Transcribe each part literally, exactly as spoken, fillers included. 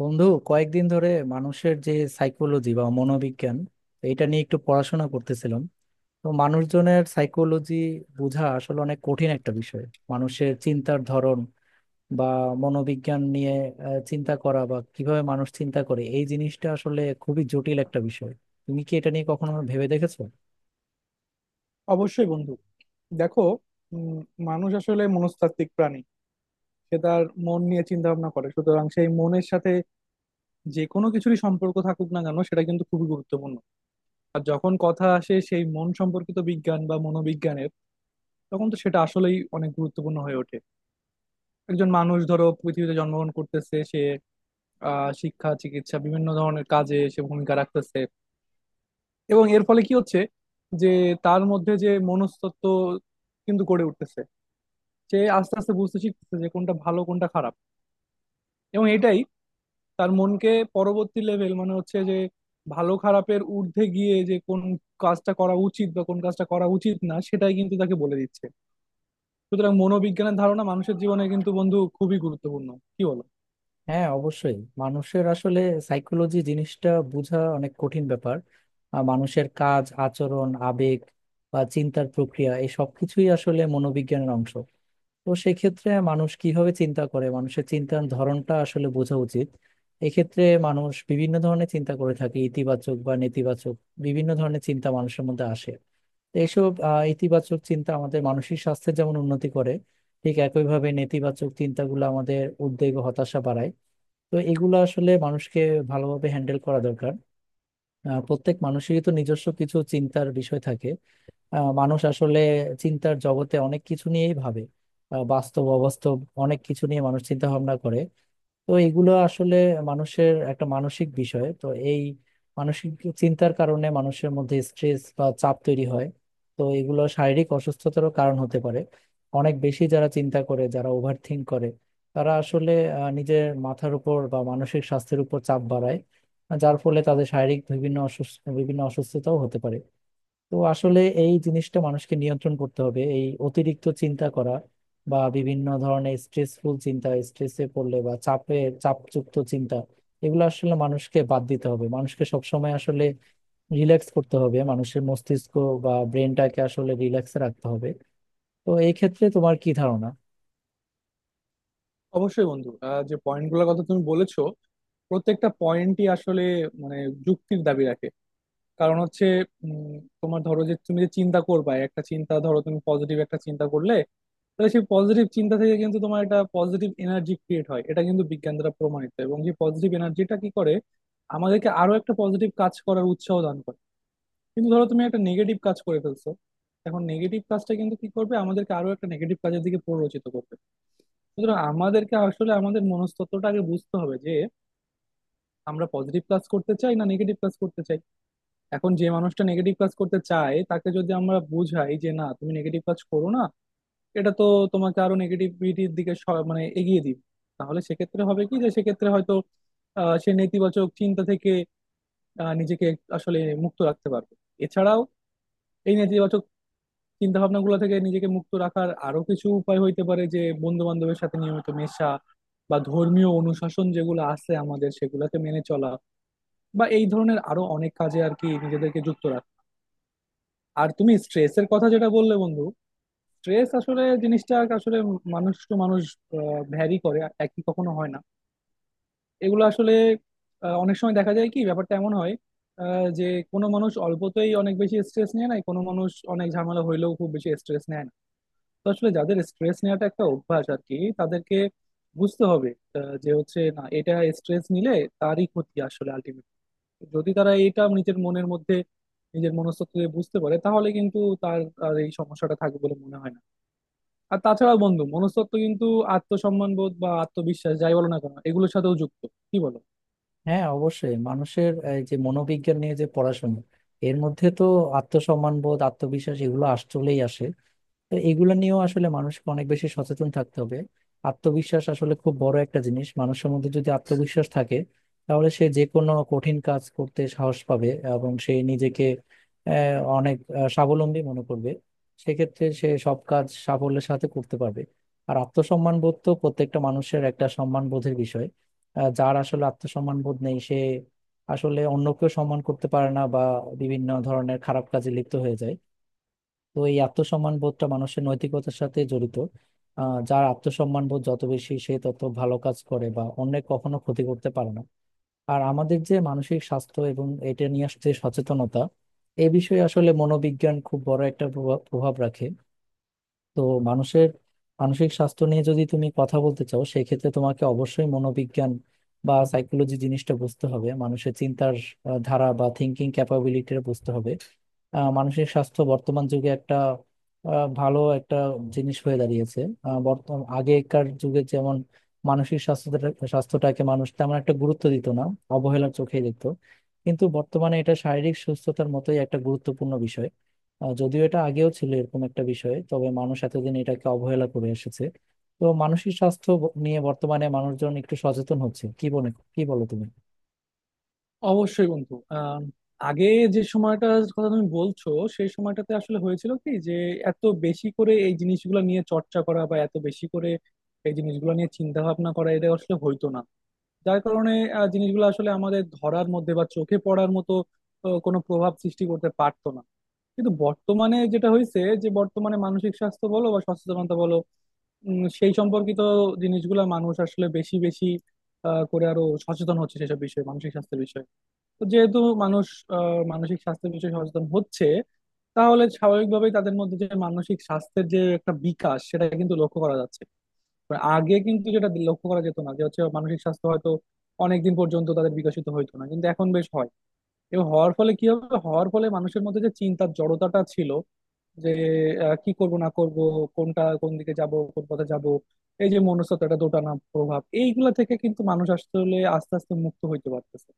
বন্ধু, কয়েকদিন ধরে মানুষের যে সাইকোলজি বা মনোবিজ্ঞান এটা নিয়ে একটু পড়াশোনা করতেছিলাম। তো মানুষজনের সাইকোলজি বোঝা আসলে অনেক কঠিন একটা বিষয়। মানুষের চিন্তার ধরন বা মনোবিজ্ঞান নিয়ে আহ, চিন্তা করা বা কিভাবে মানুষ চিন্তা করে এই জিনিসটা আসলে খুবই জটিল একটা বিষয়। তুমি কি এটা নিয়ে কখনো ভেবে দেখেছো? অবশ্যই বন্ধু, দেখো, উম, মানুষ আসলে মনস্তাত্ত্বিক প্রাণী। সে তার মন নিয়ে চিন্তা ভাবনা করে, সুতরাং সেই মনের সাথে যে কোনো কিছুরই সম্পর্ক থাকুক না কেন সেটা কিন্তু খুবই গুরুত্বপূর্ণ। আর যখন কথা আসে সেই মন সম্পর্কিত বিজ্ঞান বা মনোবিজ্ঞানের, তখন তো সেটা আসলেই অনেক গুরুত্বপূর্ণ হয়ে ওঠে। একজন মানুষ ধরো পৃথিবীতে জন্মগ্রহণ করতেছে, সে আহ শিক্ষা, চিকিৎসা, বিভিন্ন ধরনের কাজে সে ভূমিকা রাখতেছে। এবং এর ফলে কি হচ্ছে যে তার মধ্যে যে মনস্তত্ত্ব কিন্তু গড়ে উঠতেছে, সে আস্তে আস্তে বুঝতে শিখতেছে যে কোনটা ভালো, কোনটা খারাপ। এবং এটাই তার মনকে পরবর্তী লেভেল মানে হচ্ছে যে ভালো খারাপের ঊর্ধ্বে গিয়ে যে কোন কাজটা করা উচিত বা কোন কাজটা করা উচিত না, সেটাই কিন্তু তাকে বলে দিচ্ছে। সুতরাং মনোবিজ্ঞানের ধারণা মানুষের জীবনে কিন্তু বন্ধু খুবই গুরুত্বপূর্ণ। কি বলো? হ্যাঁ, অবশ্যই মানুষের আসলে সাইকোলজি জিনিসটা বোঝা অনেক কঠিন ব্যাপার। আর মানুষের কাজ, আচরণ, আবেগ বা চিন্তার প্রক্রিয়া এই সব কিছুই আসলে মনোবিজ্ঞানের অংশ। তো সেক্ষেত্রে মানুষ কিভাবে চিন্তা করে, মানুষের চিন্তার ধরনটা আসলে বোঝা উচিত। এক্ষেত্রে মানুষ বিভিন্ন ধরনের চিন্তা করে থাকে, ইতিবাচক বা নেতিবাচক বিভিন্ন ধরনের চিন্তা মানুষের মধ্যে আসে। তো এইসব আহ, ইতিবাচক চিন্তা আমাদের মানসিক স্বাস্থ্যের যেমন উন্নতি করে, ঠিক একইভাবে নেতিবাচক চিন্তাগুলো আমাদের উদ্বেগ ও হতাশা বাড়ায়। তো এগুলো আসলে মানুষকে ভালোভাবে হ্যান্ডেল করা দরকার। আহ, প্রত্যেক মানুষেরই তো নিজস্ব কিছু চিন্তার বিষয় থাকে। আহ, মানুষ আসলে চিন্তার জগতে অনেক কিছু নিয়েই ভাবে। আহ, বাস্তব, অবাস্তব অনেক কিছু নিয়ে মানুষ চিন্তা ভাবনা করে। তো এগুলো আসলে মানুষের একটা মানসিক বিষয়। তো এই মানসিক চিন্তার কারণে মানুষের মধ্যে স্ট্রেস বা চাপ তৈরি হয়। তো এগুলো শারীরিক অসুস্থতারও কারণ হতে পারে। অনেক বেশি যারা চিন্তা করে, যারা ওভার থিঙ্ক করে, তারা আসলে আহ, নিজের মাথার উপর বা মানসিক স্বাস্থ্যের উপর চাপ বাড়ায়, যার ফলে তাদের শারীরিক বিভিন্ন অসুস্থ বিভিন্ন অসুস্থতাও হতে পারে। তো আসলে এই জিনিসটা মানুষকে নিয়ন্ত্রণ করতে হবে, এই অতিরিক্ত চিন্তা করা বা বিভিন্ন ধরনের স্ট্রেসফুল চিন্তা, স্ট্রেসে পড়লে বা চাপে, চাপযুক্ত চিন্তা, এগুলো আসলে মানুষকে বাদ দিতে হবে। মানুষকে সবসময় আসলে রিল্যাক্স করতে হবে, মানুষের মস্তিষ্ক বা ব্রেনটাকে আসলে রিল্যাক্সে রাখতে হবে। তো এই ক্ষেত্রে তোমার কি ধারণা? অবশ্যই বন্ধু, আহ, যে পয়েন্ট গুলোর কথা তুমি বলেছো প্রত্যেকটা পয়েন্টই আসলে, মানে, যুক্তির দাবি রাখে। কারণ হচ্ছে, উম, তোমার ধরো যে তুমি যে চিন্তা করবা, একটা চিন্তা, ধরো তুমি পজিটিভ একটা চিন্তা করলে, তাহলে সেই পজিটিভ চিন্তা থেকে কিন্তু তোমার একটা পজিটিভ এনার্জি ক্রিয়েট হয়। এটা কিন্তু বিজ্ঞান দ্বারা প্রমাণিত। এবং যে পজিটিভ এনার্জিটা কি করে, আমাদেরকে আরো একটা পজিটিভ কাজ করার উৎসাহ দান করে। কিন্তু ধরো তুমি একটা নেগেটিভ কাজ করে ফেলছো, এখন নেগেটিভ কাজটা কিন্তু কি করবে, আমাদেরকে আরো একটা নেগেটিভ কাজের দিকে প্ররোচিত করবে। সুতরাং আমাদেরকে আসলে আমাদের মনস্তত্ত্বটা আগে বুঝতে হবে যে আমরা পজিটিভ কাজ করতে চাই, না নেগেটিভ কাজ করতে চাই। এখন যে মানুষটা নেগেটিভ কাজ করতে চায় তাকে যদি আমরা বুঝাই যে না, তুমি নেগেটিভ কাজ করো না, এটা তো তোমাকে আরো নেগেটিভিটির দিকে স- মানে এগিয়ে দিবে। তাহলে সেক্ষেত্রে হবে কি, যে সেক্ষেত্রে হয়তো আহ, সে নেতিবাচক চিন্তা থেকে আহ, নিজেকে আসলে মুক্ত রাখতে পারবে। এছাড়াও এই নেতিবাচক চিন্তা ভাবনা গুলো থেকে নিজেকে মুক্ত রাখার আরো কিছু উপায় হইতে পারে, যে বন্ধু বান্ধবের সাথে নিয়মিত মেশা, বা ধর্মীয় অনুশাসন যেগুলো আছে আমাদের সেগুলোকে মেনে চলা, বা এই ধরনের আরো অনেক কাজে আর কি নিজেদেরকে যুক্ত রাখা। আর তুমি স্ট্রেসের কথা যেটা বললে বন্ধু, স্ট্রেস আসলে জিনিসটা আসলে মানুষ টু মানুষ ভ্যারি করে, একই কখনো হয় না। এগুলো আসলে আহ, অনেক সময় দেখা যায় কি, ব্যাপারটা এমন হয় আহ, যে কোনো মানুষ অল্পতেই অনেক বেশি স্ট্রেস নেয় না, কোনো মানুষ অনেক ঝামেলা হইলেও খুব বেশি স্ট্রেস নেয় না। তো আসলে যাদের স্ট্রেস নেওয়াটা একটা অভ্যাস আর কি, তাদেরকে বুঝতে হবে আহ, যে হচ্ছে না, এটা স্ট্রেস নিলে তারই ক্ষতি আসলে আলটিমেটলি। যদি তারা এটা নিজের মনের মধ্যে, নিজের মনস্তত্ত্বে বুঝতে পারে তাহলে কিন্তু তার আর এই সমস্যাটা থাকবে বলে মনে হয় না। আর তাছাড়া বন্ধু, মনস্তত্ত্ব কিন্তু আত্মসম্মান বোধ বা আত্মবিশ্বাস যাই বলো না কেন এগুলোর সাথেও যুক্ত। কি বলো? হ্যাঁ, অবশ্যই মানুষের এই যে মনোবিজ্ঞান নিয়ে যে পড়াশোনা, এর মধ্যে তো আত্মসম্মান বোধ, আত্মবিশ্বাস এগুলো আসলেই আসে। তো এগুলো নিয়েও আসলে মানুষকে অনেক বেশি সচেতন থাকতে হবে। আত্মবিশ্বাস আসলে খুব বড় একটা জিনিস। মানুষের মধ্যে যদি আত্মবিশ্বাস থাকে, তাহলে সে যে কোনো কঠিন কাজ করতে সাহস পাবে এবং সে নিজেকে আহ, অনেক আহ, স্বাবলম্বী মনে করবে। সেক্ষেত্রে সে সব কাজ সাফল্যের সাথে করতে পারবে। আর আত্মসম্মান বোধ তো প্রত্যেকটা মানুষের একটা সম্মান বোধের বিষয়। আহ, যার আসলে আত্মসম্মান বোধ নেই, সে আসলে অন্যকেও সম্মান করতে পারে না বা বিভিন্ন ধরনের খারাপ কাজে লিপ্ত হয়ে যায়। তো এই আত্মসম্মান বোধটা মানুষের নৈতিকতার সাথে জড়িত। আহ, যার আত্মসম্মান বোধ যত বেশি, সে তত ভালো কাজ করে বা অন্যের কখনো ক্ষতি করতে পারে না। আর আমাদের যে মানসিক স্বাস্থ্য এবং এটা নিয়ে আস- যে সচেতনতা, এ বিষয়ে আসলে মনোবিজ্ঞান খুব বড় একটা প্রভাব প্রভাব রাখে। তো মানুষের মানসিক স্বাস্থ্য নিয়ে যদি তুমি কথা বলতে চাও, সেক্ষেত্রে তোমাকে অবশ্যই মনোবিজ্ঞান বা সাইকোলজি জিনিসটা বুঝতে হবে, মানুষের চিন্তার আহ, ধারা বা থিঙ্কিং ক্যাপাবিলিটিটা বুঝতে হবে। আহ, মানসিক স্বাস্থ্য বর্তমান যুগে একটা আহ, ভালো একটা জিনিস হয়ে দাঁড়িয়েছে। আহ, বর্তমান আগেকার যুগে যেমন মানসিক স্বাস্থ্যটা স্বাস্থ্যটাকে মানুষ তেমন একটা গুরুত্ব দিত না, অবহেলার চোখেই দেখতো। কিন্তু বর্তমানে এটা শারীরিক সুস্থতার মতোই একটা গুরুত্বপূর্ণ বিষয়। আহ, যদিও এটা আগেও ছিল এরকম একটা বিষয়, তবে মানুষ এতদিন এটাকে অবহেলা করে এসেছে। তো মানসিক স্বাস্থ্য ব- নিয়ে বর্তমানে মানুষজন একটু সচেতন হচ্ছে, কি বলে, কি বলো তুমি? অবশ্যই বন্ধু, আহ আগে যে সময়টার কথা তুমি বলছো সেই সময়টাতে আসলে হয়েছিল কি, যে এত বেশি করে এই জিনিসগুলো নিয়ে চর্চা করা বা এত বেশি করে এই জিনিসগুলো নিয়ে চিন্তা ভাবনা করা এটা আসলে হইতো না। যার কারণে আহ, জিনিসগুলো আসলে আমাদের ধরার মধ্যে বা চোখে পড়ার মতো আহ, কোনো প্রভাব সৃষ্টি করতে পারতো না। কিন্তু বর্তমানে যেটা হয়েছে, যে বর্তমানে মানসিক স্বাস্থ্য বলো বা সচেতনতা বলো, উম, সেই সম্পর্কিত জিনিসগুলা মানুষ আসলে বেশি বেশি আহ, করে আরো সচেতন হচ্ছে সেসব বিষয়ে, মানসিক স্বাস্থ্যের বিষয়ে। তো যেহেতু মানুষ আহ, মানসিক স্বাস্থ্যের বিষয়ে সচেতন হচ্ছে, তাহলে স্বাভাবিকভাবেই তাদের মধ্যে যে মানসিক স্বাস্থ্যের যে একটা বিকাশ সেটা কিন্তু লক্ষ্য করা যাচ্ছে। তো আগে কিন্তু যেটা লক্ষ্য করা যেত না যে হচ্ছে মানসিক স্বাস্থ্য হয়তো অনেকদিন পর্যন্ত তাদের বিকশিত হইতো না, কিন্তু এখন বেশ হয়। এবং হওয়ার ফলে কি হবে, হওয়ার ফলে মানুষের মধ্যে যে চিন্তার জড়তাটা ছিল, যে আহ, কি করব না করব, কোনটা কোন দিকে যাব, কোন পথে যাব, এই যে মনস্তত্ত্বটা দোটানা প্রভাব, এইগুলা থেকে কিন্তু মানুষ আসলে আস্তে আস্তে মুক্ত হইতে পারতেছে।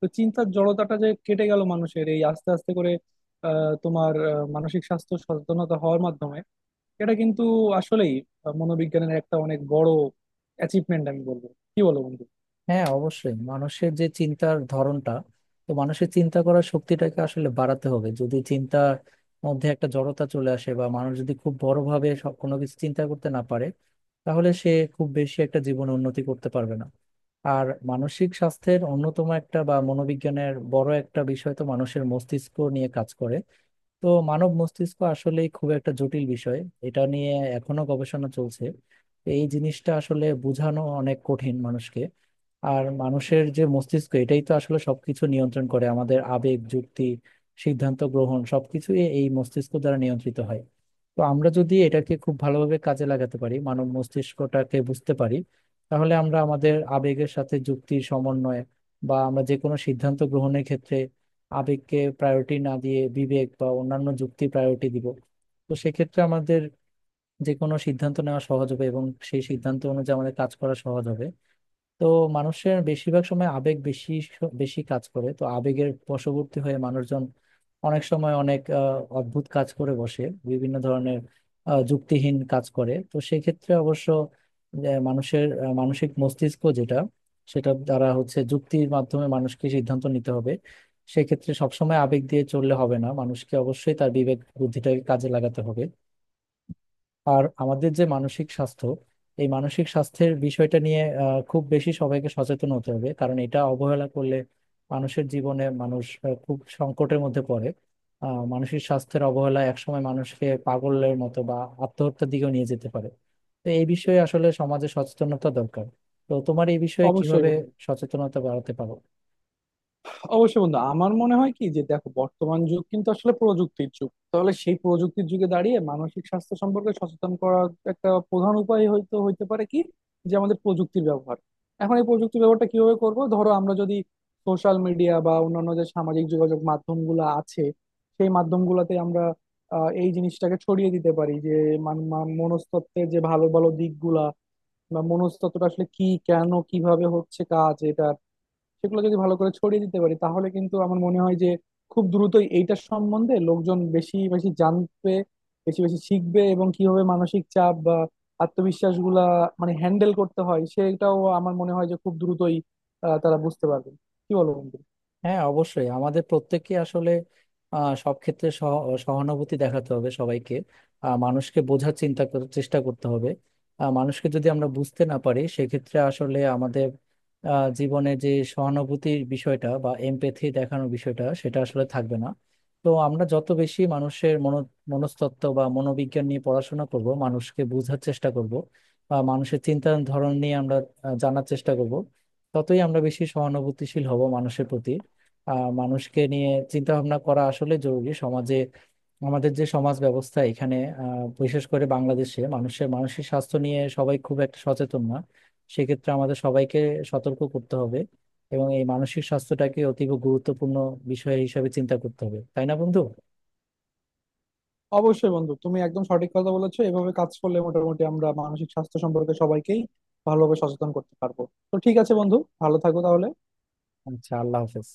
তো চিন্তার জড়তাটা যে কেটে গেল মানুষের এই আস্তে আস্তে করে, আহ তোমার আহ, মানসিক স্বাস্থ্য সচেতনতা হওয়ার মাধ্যমে, এটা কিন্তু আসলেই মনোবিজ্ঞানের একটা অনেক বড় অ্যাচিভমেন্ট আমি বলবো। কি বলো বন্ধু? হ্যাঁ, অবশ্যই মানুষের যে চিন্তার ধরনটা, তো মানুষের চিন্তা করার শক্তিটাকে আসলে বাড়াতে হবে। যদি চিন্তার মধ্যে একটা জড়তা চলে আসে বা মানুষ যদি খুব বড়ভাবে সব কোনো কিছু চিন্তা করতে না পারে, তাহলে সে খুব বেশি একটা জীবনে উন্নতি করতে পারবে না। আর মানসিক স্বাস্থ্যের অন্যতম একটা বা মনোবিজ্ঞানের বড় একটা বিষয় তো মানুষের মস্তিষ্ক নিয়ে কাজ করে। তো মানব মস্তিষ্ক আসলেই খুব একটা জটিল বিষয়, এটা নিয়ে এখনো গবেষণা চলছে। তো এই জিনিসটা আসলে বোঝানো অনেক কঠিন মানুষকে। আর মানুষের যে মস্তিষ্ক, এটাই তো আসলে সবকিছু নিয়ন্ত্রণ করে। আমাদের আবেগ, যুক্তি, সিদ্ধান্ত গ্রহণ সবকিছু এই মস্তিষ্ক দ্বারা নিয়ন্ত্রিত হয়। তো আমরা যদি এটাকে খুব ভালোভাবে কাজে লাগাতে পারি, মানব মস্তিষ্কটাকে বুঝতে পারি, তাহলে আমরা আমাদের আবেগের সাথে যুক্তির সমন্বয় বা আমরা যে কোনো সিদ্ধান্ত গ্রহণের ক্ষেত্রে আবেগকে প্রায়োরিটি না দিয়ে বিবেক বা অন্যান্য যুক্তি প্রায়োরিটি দিব। তো সেক্ষেত্রে আমাদের যে কোনো সিদ্ধান্ত নেওয়া সহজ হবে এবং সেই সিদ্ধান্ত অনুযায়ী আমাদের কাজ করা সহজ হবে। তো মানুষের বেশিরভাগ সময় আবেগ বেশি স- বেশি কাজ করে। তো আবেগের বশবর্তী হয়ে মানুষজন অনেক সময় অনেক আহ, অদ্ভুত কাজ করে বসে, বিভিন্ন ধরনের আহ, যুক্তিহীন কাজ করে। তো সেক্ষেত্রে অবশ্য যে মানুষের আহ, মানসিক মস্তিষ্ক যেটা, সেটা দ্বারা হচ্ছে যুক্তির মাধ্যমে মানুষকে সিদ্ধান্ত নিতে হবে। সেক্ষেত্রে সবসময় আবেগ দিয়ে চললে হবে না, মানুষকে অবশ্যই তার বিবেক বুদ্ধিটাকে কাজে লাগাতে হবে। আর আমাদের যে মানসিক স্বাস্থ্য, এই মানসিক স্বাস্থ্যের বিষয়টা নিয়ে আহ, খুব বেশি সবাইকে সচেতন হতে হবে। কারণ এটা অবহেলা করলে মানুষের জীবনে মানুষ আহ, খুব সংকটের মধ্যে পড়ে। আহ, মানসিক স্বাস্থ্যের অবহেলা একসময় মানুষকে পাগলের মতো বা আত্মহত্যার দিকেও নিয়ে যেতে পারে। তো এই বিষয়ে আসলে সমাজে সচেতনতা দরকার। তো তোমার এই বিষয়ে অবশ্যই কিভাবে বন্ধু সচেতনতা বাড়াতে পারো? অবশ্যই বন্ধু, আমার মনে হয় কি, যে দেখো, বর্তমান যুগ কিন্তু আসলে প্রযুক্তির যুগ। তাহলে সেই প্রযুক্তির যুগে দাঁড়িয়ে মানসিক স্বাস্থ্য সম্পর্কে সচেতন করার একটা প্রধান উপায় হয়তো হইতে পারে কি, যে আমাদের প্রযুক্তির ব্যবহার। এখন এই প্রযুক্তির ব্যবহারটা কিভাবে করব, ধরো আমরা যদি সোশ্যাল মিডিয়া বা অন্যান্য যে সামাজিক যোগাযোগ মাধ্যমগুলো আছে সেই মাধ্যমগুলোতে আমরা আহ, এই জিনিসটাকে ছড়িয়ে দিতে পারি যে মান- মান- মনস্তত্ত্বের যে ভালো ভালো দিকগুলা বা মনস্তত্ত্বটা আসলে কি, কেন, কিভাবে হচ্ছে কাজ এটা, সেগুলো যদি ভালো করে ছড়িয়ে দিতে পারি, তাহলে কিন্তু আমার মনে হয় যে খুব দ্রুতই এইটার সম্বন্ধে লোকজন বেশি বেশি জানবে, বেশি বেশি শিখবে। এবং কিভাবে মানসিক চাপ বা আত্মবিশ্বাস গুলা মানে হ্যান্ডেল করতে হয় সেটাও আমার মনে হয় যে খুব দ্রুতই আহ, তারা বুঝতে পারবে। কি বলো বন্ধু? হ্যাঁ, অবশ্যই আমাদের প্রত্যেককে আসলে আহ, সব ক্ষেত্রে সহ- সহানুভূতি দেখাতে হবে সবাইকে। আহ, মানুষকে বোঝার, চিন্তা করার চেষ্টা করতে হবে। আহ, মানুষকে যদি আমরা বুঝতে না পারি, সেক্ষেত্রে আসলে আমাদের আহ, জীবনে যে সহানুভূতির বিষয়টা বা এমপ্যাথি দেখানোর বিষয়টা সেটা আসলে থাকবে না। তো আমরা যত বেশি মানুষের মনো মনস্তত্ত্ব বা মনোবিজ্ঞান নিয়ে পড়াশোনা করব, মানুষকে বোঝার চেষ্টা করব বা মানুষের চিন্তার ধরন নিয়ে আমরা আহ, জানার চেষ্টা করব, ততই আমরা বেশি সহানুভূতিশীল হব মানুষের প্রতি। আহ মানুষকে নিয়ে চিন্তা ভাবনা করা আসলে জরুরি সমাজে। আমাদের যে সমাজ ব্যবস্থা, এখানে আহ, বিশেষ করে বাংলাদেশে মানুষের মানসিক স্বাস্থ্য নিয়ে সবাই খুব একটা সচেতন না। সেক্ষেত্রে আমাদের সবাইকে সতর্ক করতে হবে এবং এই মানসিক স্বাস্থ্যটাকে অতীব গুরুত্বপূর্ণ বিষয় হিসেবে চিন্তা করতে হবে, তাই না বন্ধু? অবশ্যই বন্ধু, তুমি একদম সঠিক কথা বলেছো। এভাবে কাজ করলে মোটামুটি আমরা মানসিক স্বাস্থ্য সম্পর্কে সবাইকেই ভালোভাবে সচেতন করতে পারবো। তো ঠিক আছে বন্ধু, ভালো থাকো তাহলে। আচ্ছা, আল্লাহ হাফেজ।